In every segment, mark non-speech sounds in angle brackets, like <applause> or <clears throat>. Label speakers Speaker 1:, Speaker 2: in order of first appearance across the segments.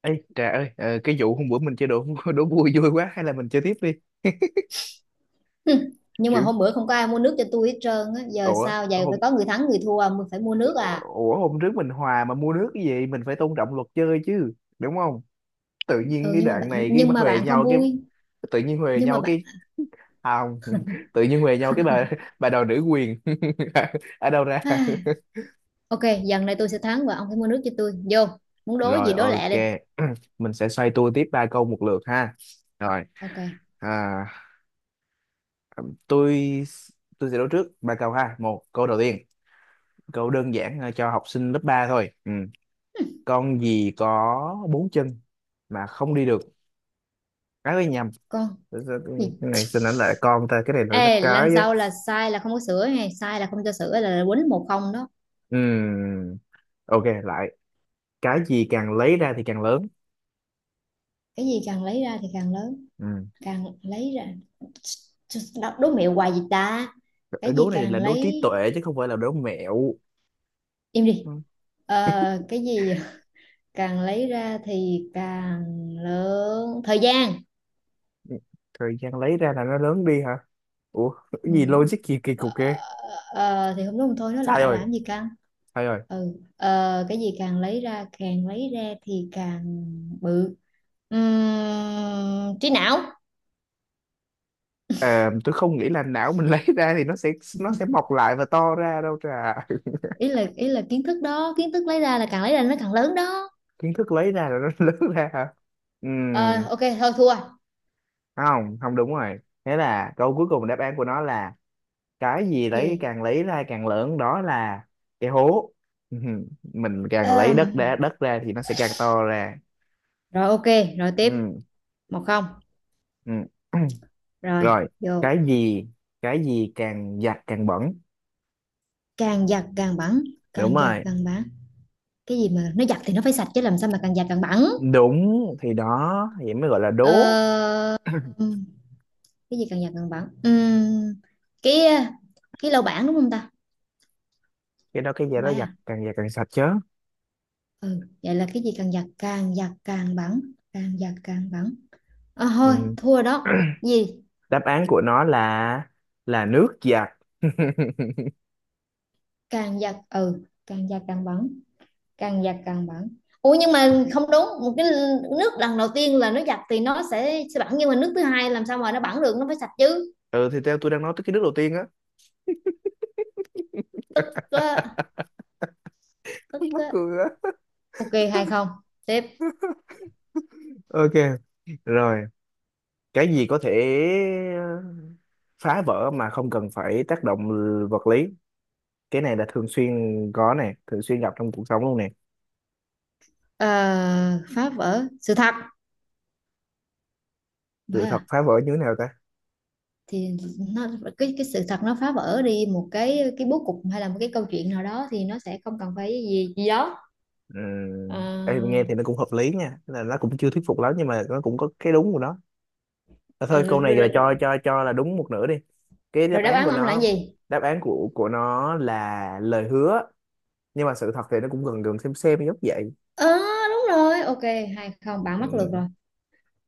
Speaker 1: Ê, Trà ơi, cái vụ hôm bữa mình chơi đố <laughs> đố vui vui quá, hay là mình chơi tiếp đi.
Speaker 2: Hừ, nhưng mà
Speaker 1: Kiểu,
Speaker 2: hôm bữa không có ai mua nước cho tôi hết trơn á. Giờ
Speaker 1: ủa
Speaker 2: sao vậy,
Speaker 1: hôm
Speaker 2: phải có người thắng người thua mình phải mua nước à?
Speaker 1: ủa hôm trước mình hòa mà mua nước cái gì, mình phải tôn trọng luật chơi chứ, đúng không? Tự nhiên
Speaker 2: Ừ,
Speaker 1: cái
Speaker 2: nhưng mà
Speaker 1: đoạn
Speaker 2: bạn,
Speaker 1: này cái
Speaker 2: nhưng mà
Speaker 1: huề
Speaker 2: bạn không
Speaker 1: nhau, cái
Speaker 2: vui.
Speaker 1: tự nhiên huề
Speaker 2: Nhưng mà
Speaker 1: nhau
Speaker 2: bạn
Speaker 1: cái. À, không, <laughs> tự nhiên huề nhau cái, bà đòi nữ quyền <laughs> ở đâu ra? <laughs>
Speaker 2: à, ok, dần này tôi sẽ thắng và ông phải mua nước cho tôi vô. Muốn đố
Speaker 1: Rồi,
Speaker 2: gì đố lẹ đi.
Speaker 1: ok, <clears throat> mình sẽ xoay tua tiếp ba câu một lượt ha. Rồi,
Speaker 2: Ok,
Speaker 1: à, tôi tôi sẽ đố trước ba câu ha. Một câu đầu tiên, câu đơn giản, cho học sinh lớp 3 thôi, ừ. Con gì có bốn chân mà không đi được? Cái nhầm.
Speaker 2: con
Speaker 1: Cái cái
Speaker 2: gì?
Speaker 1: này xin ảnh lại con ta, cái này là nó
Speaker 2: Ê,
Speaker 1: cái
Speaker 2: lần
Speaker 1: á.
Speaker 2: sau là sai là không có sửa, hay sai là không cho sửa, là quýnh một không đó.
Speaker 1: Ừ, ok lại. Cái gì càng lấy ra thì càng lớn?
Speaker 2: Cái gì càng lấy ra thì càng lớn?
Speaker 1: Ừ.
Speaker 2: Càng lấy ra. Đó, đố mẹo hoài gì ta.
Speaker 1: Cái
Speaker 2: Cái
Speaker 1: đố
Speaker 2: gì
Speaker 1: này là
Speaker 2: càng
Speaker 1: đố
Speaker 2: lấy.
Speaker 1: trí tuệ chứ không phải là đố mẹo.
Speaker 2: Im đi.
Speaker 1: Ừ.
Speaker 2: Ờ, cái gì càng lấy ra thì càng lớn? Thời gian.
Speaker 1: Thời gian lấy ra là nó lớn đi hả? Ủa,
Speaker 2: Ừ.
Speaker 1: cái gì logic gì kỳ
Speaker 2: ờ,
Speaker 1: cục kia?
Speaker 2: thì không đúng thôi nó
Speaker 1: Sai
Speaker 2: lại
Speaker 1: rồi,
Speaker 2: làm gì căng.
Speaker 1: sai rồi.
Speaker 2: Cái gì càng lấy ra thì càng bự. Trí não.
Speaker 1: Ờ, tôi không nghĩ là não mình <laughs> lấy ra thì nó sẽ mọc lại và to ra đâu, Trà.
Speaker 2: Ý là kiến thức đó, kiến thức lấy ra là càng lấy ra nó càng lớn đó.
Speaker 1: Kiến thức lấy ra rồi nó <laughs> lớn ra hả?
Speaker 2: Ờ,
Speaker 1: Ừm,
Speaker 2: ok thôi thua.
Speaker 1: không, không đúng rồi. Thế là câu cuối cùng, đáp án của nó là, cái gì
Speaker 2: Gì?
Speaker 1: càng lấy ra càng lớn, đó là cái hố. Mình càng lấy đất
Speaker 2: Ờm,
Speaker 1: ra thì nó sẽ càng to ra.
Speaker 2: Rồi ok. Rồi tiếp.
Speaker 1: Ừm,
Speaker 2: Một không.
Speaker 1: ừm. <clears throat>
Speaker 2: Rồi
Speaker 1: Rồi.
Speaker 2: vô.
Speaker 1: cái gì cái gì càng giặt càng bẩn?
Speaker 2: Càng giặt càng bắn.
Speaker 1: Đúng
Speaker 2: Càng giặt
Speaker 1: rồi.
Speaker 2: càng bắn. Cái gì mà nó giặt thì nó phải sạch chứ làm sao mà càng giặt càng bẩn?
Speaker 1: Đúng thì đó, vậy mới gọi là
Speaker 2: Ờ,
Speaker 1: đố. <clears throat>
Speaker 2: cái gì càng giặt càng bẩn. Cái cái lau bảng đúng không ta?
Speaker 1: Cái đó cái gì
Speaker 2: Không
Speaker 1: đó
Speaker 2: phải à?
Speaker 1: giặt càng sạch chứ.
Speaker 2: Ừ, vậy là cái gì càng giặt càng bẩn? Càng giặt càng bẩn. À, thôi
Speaker 1: Ừm,
Speaker 2: thua rồi đó. Gì?
Speaker 1: đáp án của nó là nước giặt. <laughs>
Speaker 2: Càng giặt ừ càng giặt càng bẩn. Càng giặt càng bẩn. Ủa nhưng mà không đúng một cái, nước lần đầu tiên là nó giặt thì nó sẽ bẩn, nhưng mà nước thứ hai làm sao mà nó bẩn được, nó phải sạch chứ.
Speaker 1: Ừ, thì theo tôi đang nói tới cái nước đầu tiên á.
Speaker 2: Có tức
Speaker 1: <laughs> Mắc
Speaker 2: á.
Speaker 1: cười á.
Speaker 2: Ok hay không, tiếp.
Speaker 1: Ok rồi, cái gì có thể ờ, phá vỡ mà không cần phải tác động vật lý? Cái này là thường xuyên có nè, thường xuyên gặp trong cuộc sống luôn nè.
Speaker 2: Ờ, phá vỡ sự thật,
Speaker 1: Sự
Speaker 2: vậy
Speaker 1: thật
Speaker 2: à?
Speaker 1: phá vỡ như thế nào ta?
Speaker 2: Thì nó, cái sự thật nó phá vỡ đi một cái bố cục hay là một cái câu chuyện nào đó thì nó sẽ không cần phải gì gì đó.
Speaker 1: Em nghe
Speaker 2: Ờ,
Speaker 1: thì nó cũng hợp lý nha, là nó cũng chưa thuyết phục lắm nhưng mà nó cũng có cái đúng của nó. À, thôi,
Speaker 2: ờ, rồi,
Speaker 1: câu này
Speaker 2: rồi,
Speaker 1: là cho
Speaker 2: rồi.
Speaker 1: cho cho là đúng một nửa đi. Cái đáp
Speaker 2: Rồi đáp
Speaker 1: án
Speaker 2: án của
Speaker 1: của
Speaker 2: ông là cái
Speaker 1: nó,
Speaker 2: gì?
Speaker 1: đáp án của nó là lời hứa, nhưng mà sự thật thì nó cũng gần gần xem giống
Speaker 2: Ờ, đúng rồi ok, hay không, bạn mắc lượt
Speaker 1: vậy.
Speaker 2: rồi.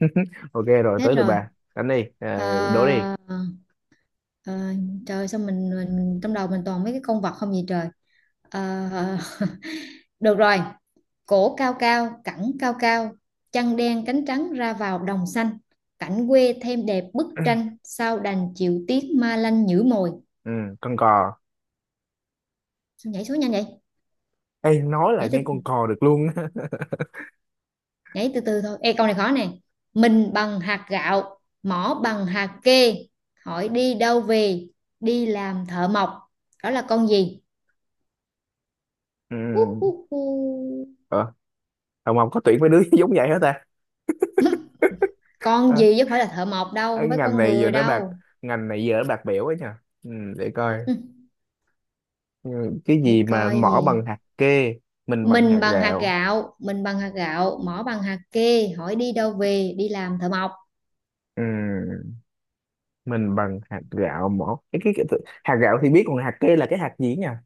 Speaker 1: <laughs> Ok rồi
Speaker 2: Hết
Speaker 1: tới lượt
Speaker 2: rồi.
Speaker 1: bà đánh đi,
Speaker 2: Ờ,
Speaker 1: đố đi.
Speaker 2: ờ, Trời sao mình trong đầu mình toàn mấy cái con vật không gì trời. Ờ, được rồi. Cổ cao cao cẳng cao cao, chân đen cánh trắng ra vào đồng xanh, cảnh quê thêm đẹp bức tranh, sao đành chịu tiếc ma lanh nhử mồi.
Speaker 1: Ừ, con cò.
Speaker 2: Sao nhảy số nhanh vậy?
Speaker 1: Ê, nói là
Speaker 2: Nhảy từ,
Speaker 1: nghe con cò được luôn á.
Speaker 2: nhảy từ từ thôi. Ê, câu này khó nè. Mình bằng hạt gạo, mỏ bằng hạt kê, hỏi đi đâu về, đi làm thợ mộc. Đó là con gì?
Speaker 1: <laughs>
Speaker 2: Hú, hú,
Speaker 1: Ừ.
Speaker 2: hú.
Speaker 1: Ờ, Hồng Ngọc có tuyển mấy đứa <laughs> giống vậy hết ta?
Speaker 2: <laughs> Con
Speaker 1: Ờ,
Speaker 2: gì chứ không phải là thợ mộc đâu,
Speaker 1: cái
Speaker 2: không phải
Speaker 1: ngành
Speaker 2: con
Speaker 1: này giờ
Speaker 2: người
Speaker 1: nó bạc,
Speaker 2: đâu.
Speaker 1: ngành này giờ nó bạc bẽo ấy nha. Ừ, để coi.
Speaker 2: Ừ,
Speaker 1: Ừ, cái
Speaker 2: để
Speaker 1: gì mà
Speaker 2: coi
Speaker 1: mỏ
Speaker 2: gì?
Speaker 1: bằng hạt kê, mình bằng hạt
Speaker 2: Mình bằng hạt
Speaker 1: gạo.
Speaker 2: gạo. Mỏ bằng hạt kê, hỏi đi đâu về, đi làm thợ mộc.
Speaker 1: Ừ, mình bằng hạt gạo, mỏ cái. Hạt gạo thì biết, còn hạt kê là cái hạt gì nha.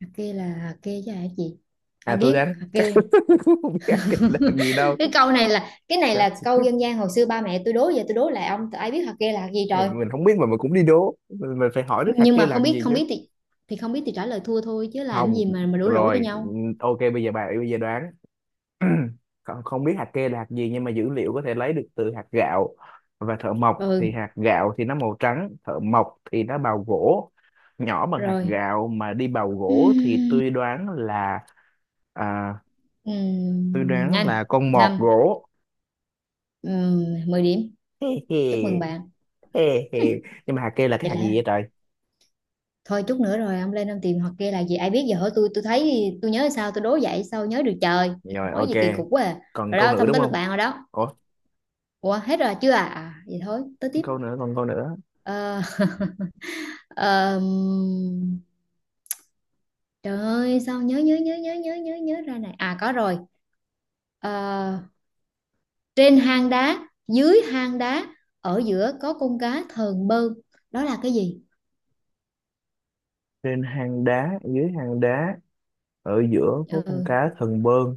Speaker 2: Hạt kê là hạt kê chứ hả chị?
Speaker 1: À,
Speaker 2: Ai
Speaker 1: tôi
Speaker 2: biết
Speaker 1: đoán
Speaker 2: hạt
Speaker 1: chắc
Speaker 2: kê.
Speaker 1: <laughs> không biết hạt kê là hạt gì đâu.
Speaker 2: <laughs> Cái câu này là, cái này
Speaker 1: Chắc
Speaker 2: là câu dân gian hồi xưa ba mẹ tôi đố, giờ tôi đố lại ông, ai biết hạt kê là hạt gì rồi.
Speaker 1: mình không biết mà mình cũng đi đố, mình phải hỏi đứa thằng
Speaker 2: Nhưng
Speaker 1: kia
Speaker 2: mà không
Speaker 1: làm
Speaker 2: biết,
Speaker 1: gì
Speaker 2: không
Speaker 1: chứ.
Speaker 2: biết thì không biết thì trả lời thua thôi chứ làm
Speaker 1: Không.
Speaker 2: gì mà đổ lỗi cho
Speaker 1: Rồi,
Speaker 2: nhau.
Speaker 1: ok, bây giờ bà bây giờ đoán. <clears throat> Còn không biết hạt kê là hạt gì, nhưng mà dữ liệu có thể lấy được từ hạt gạo và thợ mộc. Thì
Speaker 2: Ừ
Speaker 1: hạt gạo thì nó màu trắng, thợ mộc thì nó bào gỗ, nhỏ bằng hạt
Speaker 2: rồi.
Speaker 1: gạo mà đi bào gỗ thì tôi đoán là, à, tôi đoán
Speaker 2: Nhanh.
Speaker 1: là con mọt
Speaker 2: Năm.
Speaker 1: gỗ.
Speaker 2: 10 điểm,
Speaker 1: Hê hê,
Speaker 2: chúc mừng bạn.
Speaker 1: hê hê. Nhưng mà hạt kê là cái
Speaker 2: Vậy
Speaker 1: hạt
Speaker 2: là hết.
Speaker 1: gì vậy trời?
Speaker 2: Thôi chút nữa rồi ông lên ông tìm hoặc kia là gì, ai biết, giờ hỏi tôi thấy tôi nhớ sao tôi đố vậy sao nhớ được trời.
Speaker 1: Rồi,
Speaker 2: Hỏi gì kỳ
Speaker 1: ok.
Speaker 2: cục quá à.
Speaker 1: Còn
Speaker 2: Rồi
Speaker 1: câu
Speaker 2: đó,
Speaker 1: nữa
Speaker 2: xong
Speaker 1: đúng
Speaker 2: tới lượt
Speaker 1: không?
Speaker 2: bạn rồi đó.
Speaker 1: Ủa,
Speaker 2: Ủa, hết rồi chưa? À, à vậy thôi tới tiếp.
Speaker 1: câu nữa, còn câu nữa.
Speaker 2: Ờ, <laughs> ờm, trời ơi sao nhớ nhớ nhớ nhớ nhớ nhớ nhớ ra này, à có rồi. Ờ, trên hang đá dưới hang đá, ở giữa có con cá thờn bơn, đó là cái gì?
Speaker 1: Trên hang đá, dưới hang đá, ở giữa có con
Speaker 2: Ừ,
Speaker 1: cá thần bơn.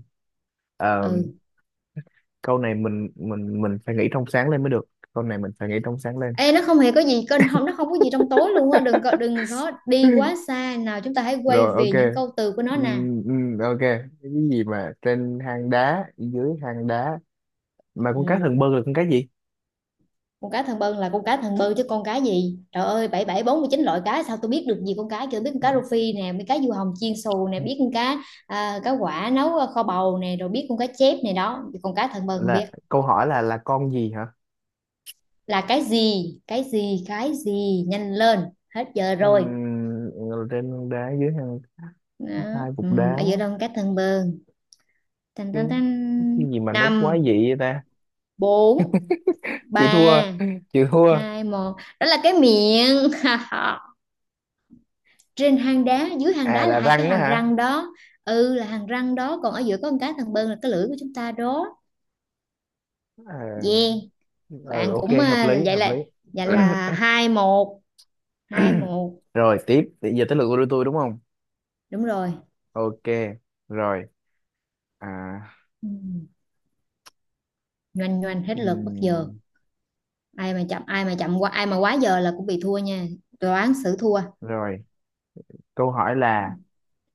Speaker 1: À,
Speaker 2: ừ.
Speaker 1: câu này mình phải nghĩ trong sáng lên mới được. Câu này mình phải nghĩ trong sáng lên.
Speaker 2: Ê, nó không hề có gì kênh, không nó không có gì trong tối luôn á, đừng có, đi quá
Speaker 1: <laughs>
Speaker 2: xa, nào chúng ta hãy quay
Speaker 1: Rồi,
Speaker 2: về những
Speaker 1: ok.
Speaker 2: câu từ của nó nè.
Speaker 1: Ok, cái gì mà trên hang đá dưới hang đá, mà con cá
Speaker 2: Ừ.
Speaker 1: thần bơn là con cá gì?
Speaker 2: Con cá thần bơn là con cá thần bơn chứ con cá gì, trời ơi, bảy bảy bốn mươi chín loại cá sao tôi biết được gì. Con cá chưa biết, con cá rô phi nè biết, cá du hồng chiên xù nè biết, con cá cá quả nấu kho bầu nè rồi biết, con cá chép này đó, con cá thần bơn không biết.
Speaker 1: Là câu hỏi là con gì hả?
Speaker 2: Là cái gì, cái gì, cái gì, nhanh lên, hết giờ rồi
Speaker 1: Ừm, trên hang đá dưới hang,
Speaker 2: đó.
Speaker 1: hai cục
Speaker 2: Ừ.
Speaker 1: đá.
Speaker 2: Ở giữa đâu con cá thần bơn? Tan
Speaker 1: cái,
Speaker 2: tan tan.
Speaker 1: cái gì mà nó quá
Speaker 2: Năm,
Speaker 1: dị vậy ta?
Speaker 2: bốn,
Speaker 1: Chịu thua,
Speaker 2: ba,
Speaker 1: chịu thua.
Speaker 2: hai, một, đó là cái miệng. <laughs> Trên hang đá dưới hang
Speaker 1: À,
Speaker 2: đá là
Speaker 1: là
Speaker 2: hai cái
Speaker 1: răng á
Speaker 2: hàm
Speaker 1: hả?
Speaker 2: răng đó. Ừ, là hàm răng đó, còn ở giữa có một cái thằng bơn là cái lưỡi của chúng ta đó.
Speaker 1: Ờ,
Speaker 2: Yeah.
Speaker 1: ừ,
Speaker 2: Bạn
Speaker 1: ok,
Speaker 2: cũng
Speaker 1: hợp
Speaker 2: à,
Speaker 1: lý
Speaker 2: vậy
Speaker 1: hợp lý.
Speaker 2: là, vậy là hai một. Hai
Speaker 1: <clears throat>
Speaker 2: một.
Speaker 1: Rồi tiếp, bây giờ tới lượt của tôi đúng không?
Speaker 2: Đúng rồi.
Speaker 1: Ok, rồi, à.
Speaker 2: Ừ, nhoành nhoành hết lượt bất giờ,
Speaker 1: ừm,
Speaker 2: ai mà chậm, ai mà chậm qua, ai mà quá giờ là cũng bị thua nha, đoán xử thua.
Speaker 1: Rồi, câu hỏi là,
Speaker 2: Hmm.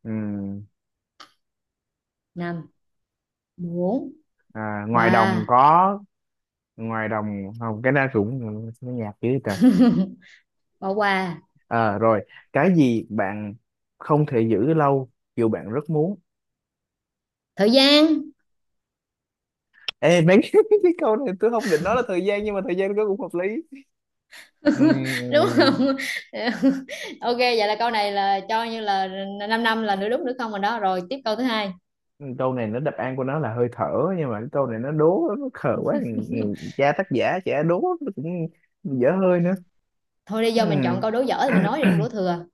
Speaker 1: ừm,
Speaker 2: Năm, bốn,
Speaker 1: ngoài đồng
Speaker 2: ba.
Speaker 1: có, ngoài đồng không, cái đó cũng, nó nhạt dữ trời.
Speaker 2: <laughs> Bỏ qua.
Speaker 1: Ờ, rồi. Cái gì bạn không thể giữ lâu dù bạn rất muốn?
Speaker 2: Thời gian.
Speaker 1: Ê mấy, <laughs> cái câu này tôi không định nói là thời gian nhưng mà thời gian nó cũng hợp lý.
Speaker 2: <laughs> Đúng
Speaker 1: Ừm,
Speaker 2: không? <laughs> Ok vậy là câu này là cho như là 5 năm năm là nửa đúng nửa không rồi đó, rồi tiếp câu thứ hai.
Speaker 1: câu này nó đáp án của nó là hơi thở, nhưng mà cái câu này nó đố nó khờ quá. Ừ,
Speaker 2: <laughs>
Speaker 1: cha tác giả trẻ đố nó cũng dở hơi nữa.
Speaker 2: Thôi đi,
Speaker 1: Ừ.
Speaker 2: do mình chọn câu đố dở thì mình nói,
Speaker 1: <clears throat>
Speaker 2: đừng đố thừa.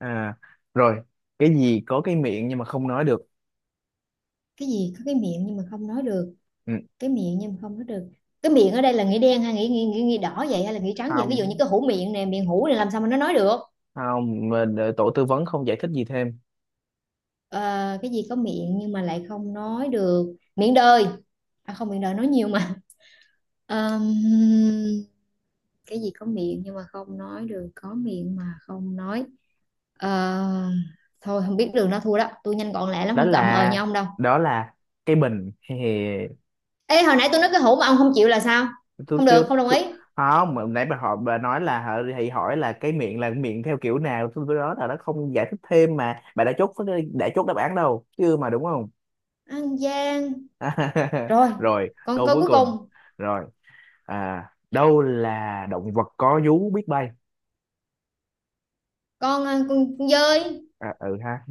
Speaker 1: à Rồi, cái gì có cái miệng nhưng mà không nói được?
Speaker 2: Cái gì có cái miệng nhưng mà không nói được?
Speaker 1: Ừ.
Speaker 2: Cái miệng nhưng mà không nói được. Cái miệng ở đây là nghĩa đen hay nghĩa đỏ vậy hay là nghĩa trắng vậy, ví dụ như
Speaker 1: Không,
Speaker 2: cái hũ miệng nè, miệng hũ này làm sao mà nó nói được.
Speaker 1: không mà đợi tổ tư vấn không giải thích gì thêm.
Speaker 2: Ờ, cái gì có miệng nhưng mà lại không nói được? Miệng đời. À không, miệng đời nói nhiều mà. <laughs> Ờm, cái gì có miệng nhưng mà không nói được, có miệng mà không nói. Ờ, thôi không biết đường đó thua đó, tôi nhanh gọn lẹ lắm
Speaker 1: Đó
Speaker 2: không có ậm ờ như
Speaker 1: là,
Speaker 2: ông đâu.
Speaker 1: đó là cái bình. Hề hề.
Speaker 2: Ê hồi nãy tôi nói cái hũ mà ông không chịu là sao?
Speaker 1: Tôi
Speaker 2: Không
Speaker 1: kêu
Speaker 2: được, không đồng
Speaker 1: tôi...
Speaker 2: ý.
Speaker 1: Không, mà nãy bà hỏi bà nói là hả, thì hỏi là cái miệng là miệng theo kiểu nào, tôi nói là nó không giải thích thêm mà bà đã chốt, đã chốt đáp án đâu chứ, mà đúng không?
Speaker 2: An Giang.
Speaker 1: <laughs>
Speaker 2: Rồi
Speaker 1: Rồi
Speaker 2: con
Speaker 1: câu
Speaker 2: câu
Speaker 1: cuối
Speaker 2: cuối
Speaker 1: cùng,
Speaker 2: cùng.
Speaker 1: rồi. À, đâu là động vật có vú biết bay?
Speaker 2: Con con dơi.
Speaker 1: À, ừ ha,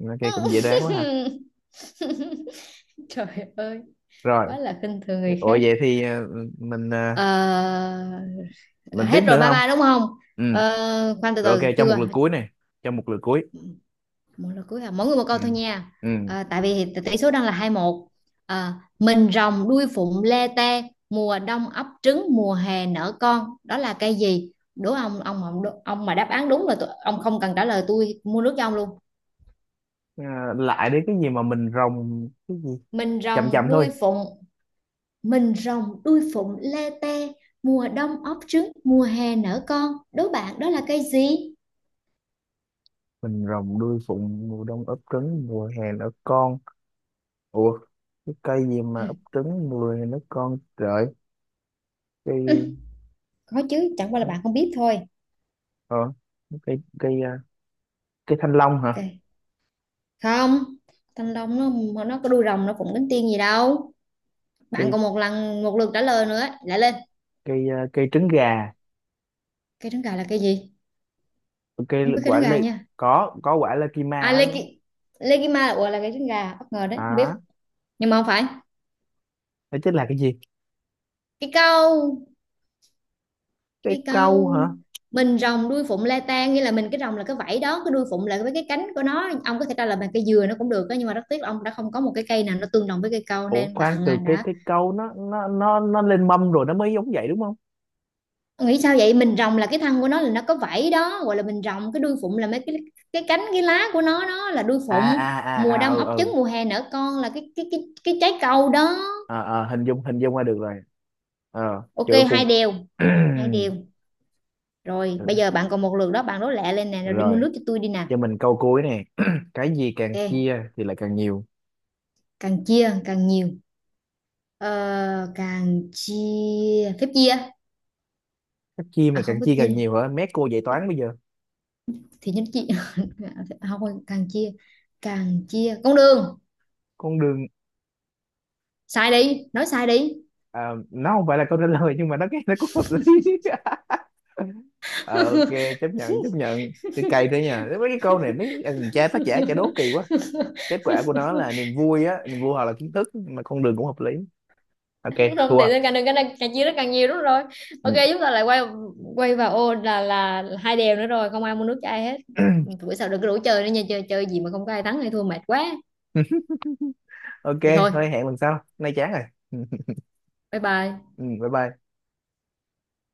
Speaker 1: nó kia cũng dễ đoán quá ha.
Speaker 2: <laughs> Trời ơi,
Speaker 1: Rồi.
Speaker 2: quá là khinh thường người
Speaker 1: Ủa,
Speaker 2: khác.
Speaker 1: vậy thì ờ,
Speaker 2: Ờ,
Speaker 1: mình tiếp
Speaker 2: hết
Speaker 1: nữa
Speaker 2: rồi ba
Speaker 1: không?
Speaker 2: ba đúng không?
Speaker 1: Ừ,
Speaker 2: Ờ, khoan từ
Speaker 1: rồi,
Speaker 2: từ
Speaker 1: ok, cho một
Speaker 2: chưa.
Speaker 1: lượt cuối này, cho một lượt cuối.
Speaker 2: Một là cuối à? Mỗi người một
Speaker 1: Ừ,
Speaker 2: câu thôi nha.
Speaker 1: ừ.
Speaker 2: À, tại vì tỷ số đang là 21. À, mình rồng đuôi phụng lê tê, mùa đông ấp trứng, mùa hè nở con. Đó là cây gì? Đố ông mà, ông mà đáp án đúng là tôi, ông không cần trả lời tôi mua nước cho ông luôn.
Speaker 1: Ờ, lại đến cái gì mà mình rồng cái gì?
Speaker 2: Mình
Speaker 1: Chậm
Speaker 2: rồng
Speaker 1: chậm
Speaker 2: đuôi
Speaker 1: thôi.
Speaker 2: phụng, mình rồng đuôi phụng lê tê, mùa đông ấp trứng, mùa hè nở con. Đố bạn đó là cây gì?
Speaker 1: Mình rồng đuôi phụng, mùa đông ấp trứng, mùa hè nở con. Ủa, cái cây gì mà ấp trứng mùa hè nở con trời? Cây,
Speaker 2: Ừ, có chứ, chẳng qua là bạn không biết thôi.
Speaker 1: ờ, cây cây à, cây thanh long hả?
Speaker 2: Ok. Không, thanh long nó có đuôi rồng nó phụng cánh tiên gì đâu. Bạn
Speaker 1: Cây
Speaker 2: còn một lần, một lượt trả lời nữa, lại lên.
Speaker 1: cây à, cây trứng gà,
Speaker 2: Cây trứng gà là cây gì?
Speaker 1: cây
Speaker 2: Không biết cây
Speaker 1: quả
Speaker 2: trứng gà
Speaker 1: lê.
Speaker 2: nha.
Speaker 1: Có quả lê kima
Speaker 2: À
Speaker 1: á.
Speaker 2: lê ki là cây trứng gà bất ngờ đấy không biết.
Speaker 1: Hả?
Speaker 2: Nhưng mà không phải.
Speaker 1: Đó chính là cái gì?
Speaker 2: Cái câu.
Speaker 1: Cái
Speaker 2: Cái
Speaker 1: câu hả?
Speaker 2: câu mình rồng đuôi phụng le tan, nghĩa là mình cái rồng là cái vảy đó, cái đuôi phụng là với cái cánh của nó, ông có thể trả lời bằng cây dừa nó cũng được đó, nhưng mà rất tiếc ông đã không có một cái cây nào nó tương đồng với cây câu,
Speaker 1: Ủa
Speaker 2: nên
Speaker 1: khoan,
Speaker 2: bạn à,
Speaker 1: từ cái
Speaker 2: đã
Speaker 1: cái câu nó lên mâm rồi nó mới giống vậy đúng không?
Speaker 2: nghĩ sao vậy. Mình rồng là cái thân của nó là nó có vảy đó gọi là mình rồng, cái đuôi phụng là mấy cái cánh cái lá của nó đó là đuôi
Speaker 1: À
Speaker 2: phụng.
Speaker 1: à à
Speaker 2: Mùa
Speaker 1: à,
Speaker 2: đông
Speaker 1: ừ
Speaker 2: ấp
Speaker 1: ừ.
Speaker 2: trứng mùa hè nở con là cái trái câu đó.
Speaker 1: Ờ ờ, hình dung ra được rồi. Ờ
Speaker 2: Ok
Speaker 1: kiểu
Speaker 2: hai
Speaker 1: cùng.
Speaker 2: đều. Hai đều. Rồi bây giờ
Speaker 1: <clears throat>
Speaker 2: bạn còn một lượt đó, bạn đố lẹ lên nè, rồi đi mua
Speaker 1: Rồi,
Speaker 2: nước cho tôi đi nè.
Speaker 1: cho mình câu cuối nè. <clears throat> Cái gì càng
Speaker 2: Ok.
Speaker 1: chia thì lại càng nhiều?
Speaker 2: Càng chia càng nhiều. Ờ, càng chia, phép chia.
Speaker 1: Cái chia mà
Speaker 2: À không,
Speaker 1: càng
Speaker 2: phép
Speaker 1: chia càng
Speaker 2: chia,
Speaker 1: nhiều hả? Mét cô dạy
Speaker 2: phép
Speaker 1: toán bây giờ.
Speaker 2: thì nhánh chia. <laughs> Không, càng chia, càng chia con đường.
Speaker 1: Con đường.
Speaker 2: Sai đi, nói sai đi.
Speaker 1: Ờ, nó không phải là câu trả lời nhưng mà nó, cái nó cũng hợp lý. <laughs> Ờ, ok, chấp nhận, chấp nhận cái cây thế nha. Mấy cái câu này mấy thằng cha tác giả chả đố
Speaker 2: <laughs>
Speaker 1: kỳ quá. Kết quả của nó là niềm vui á, niềm vui hoặc là kiến thức, mà con đường cũng hợp lý. Ok
Speaker 2: Đúng không thì
Speaker 1: thua.
Speaker 2: nên càng, đừng càng, càng chia nó càng nhiều đúng rồi. Ok
Speaker 1: Ừ.
Speaker 2: chúng ta lại quay, quay vào ô là hai đều nữa rồi, không ai mua nước cho ai hết, bữa sau đừng có rủ chơi nữa nha, chơi chơi gì mà không có ai thắng hay thua mệt quá.
Speaker 1: <clears throat> Ok
Speaker 2: Thì thôi.
Speaker 1: thôi, hẹn lần sau, nay chán rồi. <laughs>
Speaker 2: Bye bye.
Speaker 1: Ừ, bye bye.